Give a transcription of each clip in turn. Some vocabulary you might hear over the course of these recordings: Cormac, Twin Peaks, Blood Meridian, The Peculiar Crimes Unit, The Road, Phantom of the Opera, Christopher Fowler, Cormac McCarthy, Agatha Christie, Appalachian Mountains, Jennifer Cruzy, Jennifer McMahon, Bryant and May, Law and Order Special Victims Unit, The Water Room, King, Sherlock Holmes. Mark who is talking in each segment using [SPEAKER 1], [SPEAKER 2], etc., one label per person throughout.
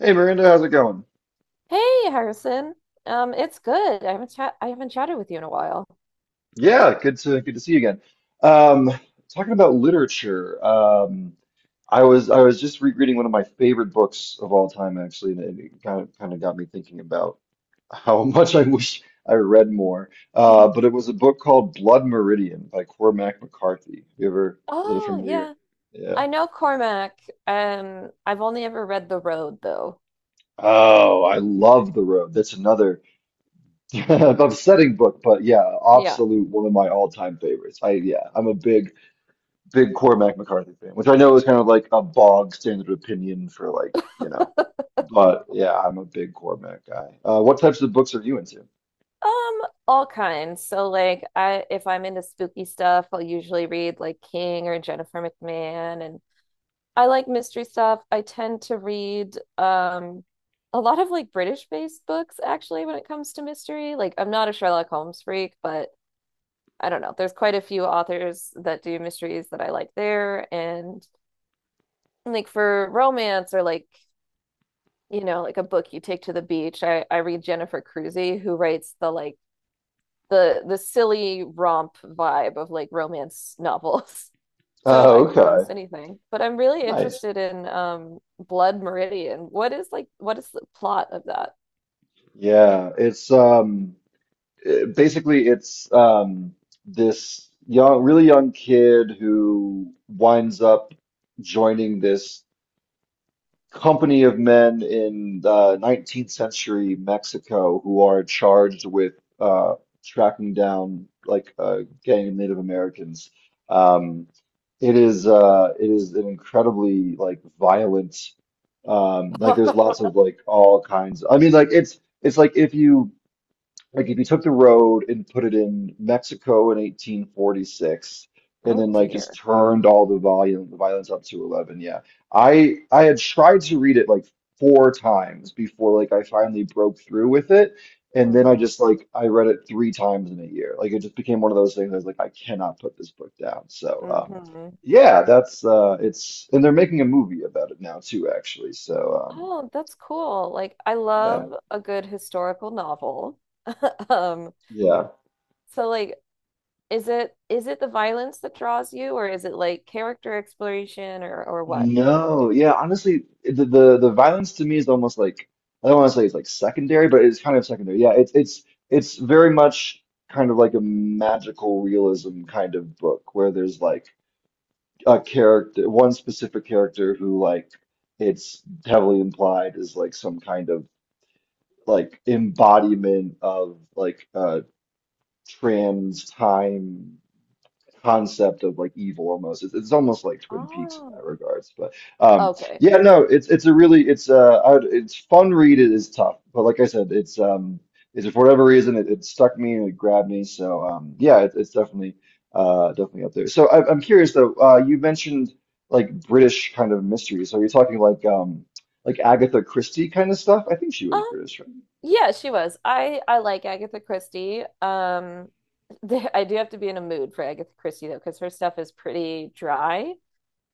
[SPEAKER 1] Hey Miranda, how's it going?
[SPEAKER 2] Hey, Harrison. It's good. I haven't chatted with you in a while.
[SPEAKER 1] Good to see you again. Um, talking about literature, I was just rereading one of my favorite books of all time, actually, and it kind of got me thinking about how much I wish I read more. But it was a book called Blood Meridian by Cormac McCarthy. Is that a
[SPEAKER 2] Oh,
[SPEAKER 1] familiar?
[SPEAKER 2] yeah.
[SPEAKER 1] Yeah.
[SPEAKER 2] I know Cormac. I've only ever read The Road though.
[SPEAKER 1] Oh, I love The Road. That's another upsetting book, but yeah,
[SPEAKER 2] Yeah.
[SPEAKER 1] absolute one of my all-time favorites. I'm a big Cormac McCarthy fan, which I know is kind of like a bog standard opinion for like, but yeah, I'm a big Cormac guy. What types of books are you into?
[SPEAKER 2] Um, all kinds. So like I if I'm into spooky stuff, I'll usually read like King or Jennifer McMahon, and I like mystery stuff. I tend to read a lot of like British-based books actually when it comes to mystery. Like I'm not a Sherlock Holmes freak, but I don't know. There's quite a few authors that do mysteries that I like there. And like for romance or like, you know, like a book you take to the beach, I read Jennifer Cruzy, who writes the like the silly romp vibe of like romance novels. So I
[SPEAKER 1] Oh,
[SPEAKER 2] can do most
[SPEAKER 1] okay.
[SPEAKER 2] anything. But I'm really
[SPEAKER 1] Nice.
[SPEAKER 2] interested in Blood Meridian. What is the plot of that?
[SPEAKER 1] Yeah, it's it- basically it's this young really young kid who winds up joining this company of men in 19th century Mexico who are charged with uh, tracking down like a gang of Native Americans. Um, it is an incredibly like violent like there's lots of like all kinds. I mean it's like if you took the road and put it in Mexico in 1846, and
[SPEAKER 2] Oh
[SPEAKER 1] then like just
[SPEAKER 2] dear.
[SPEAKER 1] turned all the violence up to 11. I had tried to read it like 4 times before like I finally broke through with it, and then I
[SPEAKER 2] Hmm.
[SPEAKER 1] just like I read it 3 times in a year. Like it just became one of those things. I was like, I cannot put this book down. so um
[SPEAKER 2] Hmm.
[SPEAKER 1] yeah that's uh it's and they're making a movie about it now too, actually, so
[SPEAKER 2] Oh, that's cool. Like, I
[SPEAKER 1] yeah.
[SPEAKER 2] love a good historical novel. Um,
[SPEAKER 1] Yeah.
[SPEAKER 2] so like, is it the violence that draws you, or is it like character exploration, or what?
[SPEAKER 1] No, honestly, the violence to me is almost like, I don't want to say it's like secondary, but it's kind of secondary. Yeah, it's very much kind of like a magical realism kind of book where there's like a character, one specific character who like it's heavily implied is like some kind of like embodiment of like trans time concept of like evil almost. It's almost like Twin Peaks in that
[SPEAKER 2] Oh,
[SPEAKER 1] regards. But um,
[SPEAKER 2] okay.
[SPEAKER 1] yeah, no, it's a really it's I would, it's fun read. It is tough, but like I said, it's for whatever reason it stuck me and it grabbed me. So it's definitely definitely up there. So I'm curious though. You mentioned like British kind of mysteries. So, are you talking like Agatha Christie kind of stuff? I think she was
[SPEAKER 2] Um,
[SPEAKER 1] British, right?
[SPEAKER 2] yeah, she was. I like Agatha Christie. I do have to be in a mood for Agatha Christie though, because her stuff is pretty dry.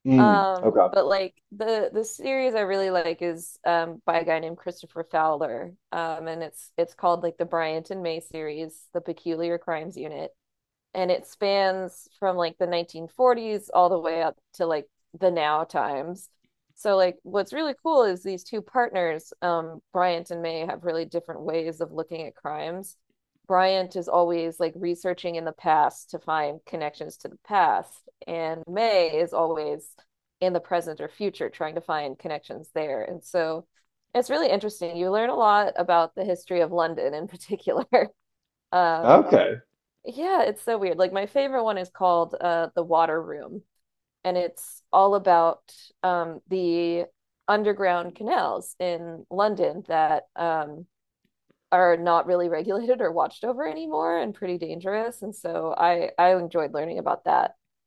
[SPEAKER 1] Mm, okay.
[SPEAKER 2] But like the series I really like is by a guy named Christopher Fowler. And it's called like the Bryant and May series, The Peculiar Crimes Unit, and it spans from like the 1940s all the way up to like the now times. So like what's really cool is these two partners, Bryant and May, have really different ways of looking at crimes. Bryant is always like researching in the past to find connections to the past, and May is always in the present or future trying to find connections there. And so it's really interesting. You learn a lot about the history of London in particular. Um,
[SPEAKER 1] Okay.
[SPEAKER 2] yeah, it's so weird. Like my favorite one is called The Water Room, and it's all about the underground canals in London that are not really regulated or watched over anymore and pretty dangerous. And so I enjoyed learning about that.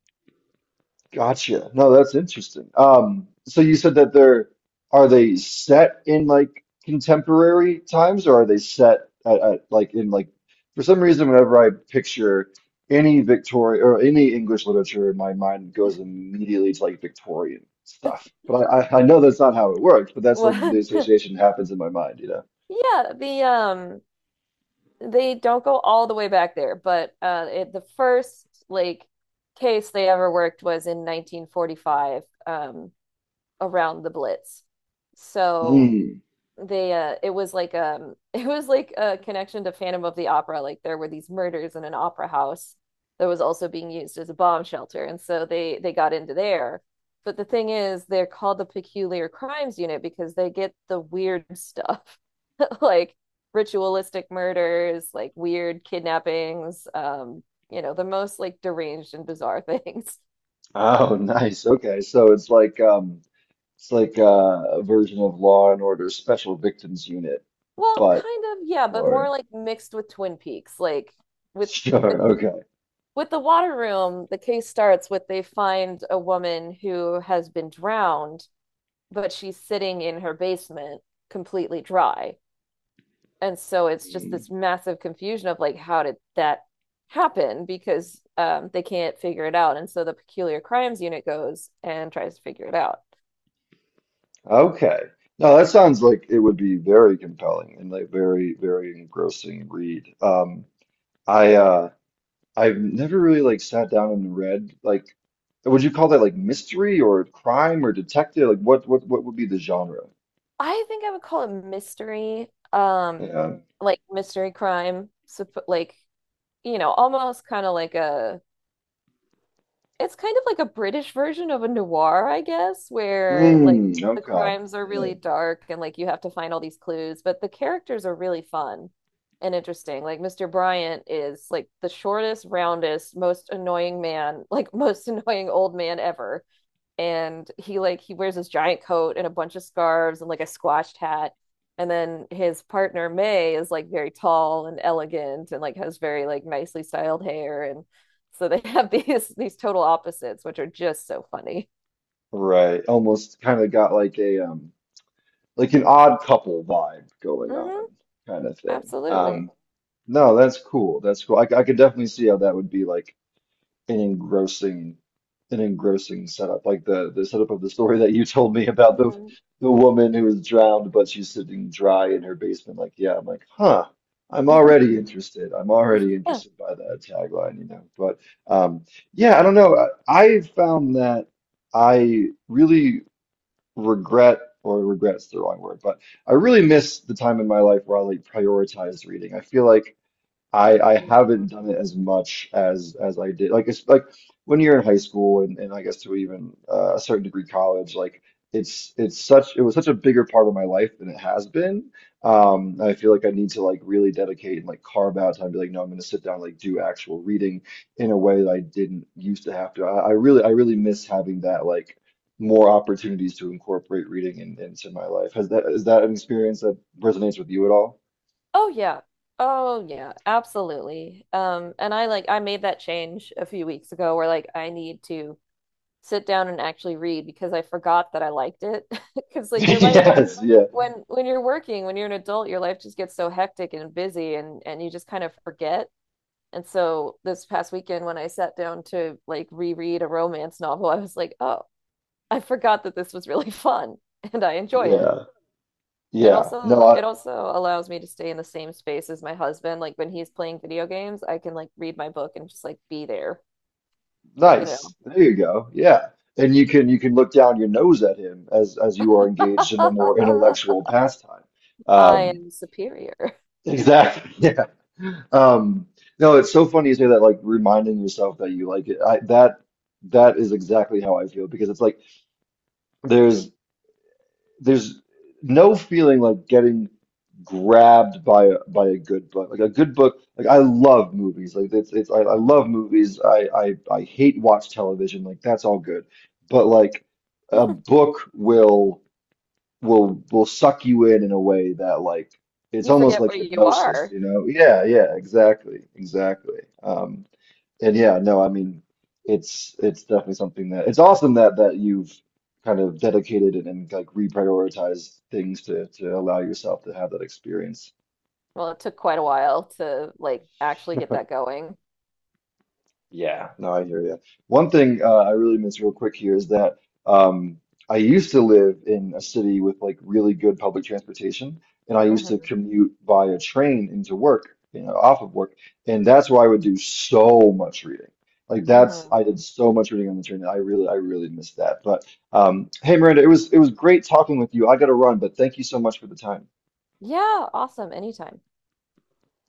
[SPEAKER 1] Gotcha. No, that's interesting. So you said that they're, are they set in like contemporary times, or are they set at like in like, for some reason whenever I picture any Victorian or any English literature in my mind goes immediately to like Victorian stuff. But I know that's not how it works, but that's like
[SPEAKER 2] What?
[SPEAKER 1] the association happens in my mind, you know.
[SPEAKER 2] Yeah, the they don't go all the way back there, but the first like case they ever worked was in 1945, around the Blitz. So
[SPEAKER 1] Mm.
[SPEAKER 2] they it was like it was like a connection to Phantom of the Opera, like there were these murders in an opera house that was also being used as a bomb shelter, and so they got into there. But the thing is they're called the Peculiar Crimes Unit because they get the weird stuff. Like ritualistic murders, like weird kidnappings, you know, the most like deranged and bizarre things.
[SPEAKER 1] Oh, nice. Okay. So it's like a version of Law and Order Special Victims Unit.
[SPEAKER 2] Well,
[SPEAKER 1] But
[SPEAKER 2] kind of, yeah, but more
[SPEAKER 1] Sure.
[SPEAKER 2] like mixed with Twin Peaks. Like with with
[SPEAKER 1] Sure. Okay.
[SPEAKER 2] with the water room, the case starts with they find a woman who has been drowned, but she's sitting in her basement completely dry. And so it's just
[SPEAKER 1] Mm.
[SPEAKER 2] this massive confusion of like how did that happen, because they can't figure it out, and so the peculiar crimes unit goes and tries to figure it out.
[SPEAKER 1] Okay. No, that sounds like it would be very compelling and like very, very engrossing read. I uh I've never really like sat down and read like, would you call that like mystery or crime or detective? Like what would be the genre?
[SPEAKER 2] I think I would call it mystery, um,
[SPEAKER 1] Yeah.
[SPEAKER 2] like mystery crime, like, you know, almost kind of like a, it's kind of like a British version of a noir, I guess, where like
[SPEAKER 1] Mm,
[SPEAKER 2] the
[SPEAKER 1] okay.
[SPEAKER 2] crimes are
[SPEAKER 1] Yeah.
[SPEAKER 2] really dark and like you have to find all these clues, but the characters are really fun and interesting. Like Mr. Bryant is like the shortest, roundest, most annoying man, like most annoying old man ever, and he like he wears this giant coat and a bunch of scarves and like a squashed hat, and then his partner May is like very tall and elegant and like has very like nicely styled hair, and so they have these total opposites, which are just so funny.
[SPEAKER 1] Right. Almost kind of got like a like an odd couple vibe going on
[SPEAKER 2] Hmm.
[SPEAKER 1] kind of thing.
[SPEAKER 2] Absolutely.
[SPEAKER 1] No, that's cool. That's cool. I could definitely see how that would be like an engrossing, an engrossing setup. Like the setup of the story that you told me about the
[SPEAKER 2] Hmm.
[SPEAKER 1] the woman who was drowned, but she's sitting dry in her basement. Like, yeah, I'm like, huh. I'm already interested. I'm already
[SPEAKER 2] Yeah.
[SPEAKER 1] interested by that tagline, you know. But um, yeah, I don't know. I found that I really regret, or regret's the wrong word, but I really miss the time in my life where I like prioritized reading. I feel like I haven't
[SPEAKER 2] Mhm.
[SPEAKER 1] done it as much as I did. Like it's like when you're in high school, and I guess to even a certain degree college, like it was such a bigger part of my life than it has been. I feel like I need to like really dedicate and like carve out time to be like, no, I'm gonna sit down and like do actual reading in a way that I didn't used to have to. I really miss having that like more opportunities to incorporate reading into my life. Has that is that an experience that resonates with you at all?
[SPEAKER 2] Oh yeah. Oh yeah, absolutely. Um, and I like I made that change a few weeks ago where like I need to sit down and actually read because I forgot that I liked it. Because like your life,
[SPEAKER 1] Yes, yeah.
[SPEAKER 2] when you're working, when you're an adult, your life just gets so hectic and busy, and you just kind of forget. And so this past weekend when I sat down to like reread a romance novel, I was like, "Oh, I forgot that this was really fun and I enjoy it."
[SPEAKER 1] Yeah.
[SPEAKER 2] It
[SPEAKER 1] Yeah.
[SPEAKER 2] also
[SPEAKER 1] No, I,
[SPEAKER 2] it also allows me to stay in the same space as my husband. Like when he's playing video games, I can like read my book and just like be there, you
[SPEAKER 1] nice.
[SPEAKER 2] know.
[SPEAKER 1] There you go. Yeah. And you can look down your nose at him as you are engaged in the more intellectual pastime.
[SPEAKER 2] I
[SPEAKER 1] Um,
[SPEAKER 2] am superior.
[SPEAKER 1] exactly. Yeah. No, it's so funny you say that, like reminding yourself that you like it. I, that that is exactly how I feel because it's like there's. There's no feeling like getting grabbed by by a good book. Like a good book, like I love movies. Like I love
[SPEAKER 2] Mhm.
[SPEAKER 1] movies. I hate watch television. Like that's all good. But like a book will suck you in a way that like it's
[SPEAKER 2] You
[SPEAKER 1] almost
[SPEAKER 2] forget
[SPEAKER 1] like
[SPEAKER 2] where you
[SPEAKER 1] hypnosis,
[SPEAKER 2] are.
[SPEAKER 1] you know? Yeah, yeah, exactly. Exactly. And yeah, no, I mean, it's definitely something that it's awesome that you've kind of dedicated and like reprioritized things to allow yourself to have that experience.
[SPEAKER 2] Well, it took quite a while to like actually get that going.
[SPEAKER 1] Yeah, no, I hear you. One thing I really miss real quick here is that um, I used to live in a city with like really good public transportation, and I used to
[SPEAKER 2] Hmm.
[SPEAKER 1] commute via train into work, you know, off of work, and that's where I would do so much reading. Like that's
[SPEAKER 2] Hmm.
[SPEAKER 1] I did so much reading on the train, that I really miss that. But hey, Miranda, it was great talking with you. I got to run, but thank you so much for the time.
[SPEAKER 2] Yeah, awesome. Anytime.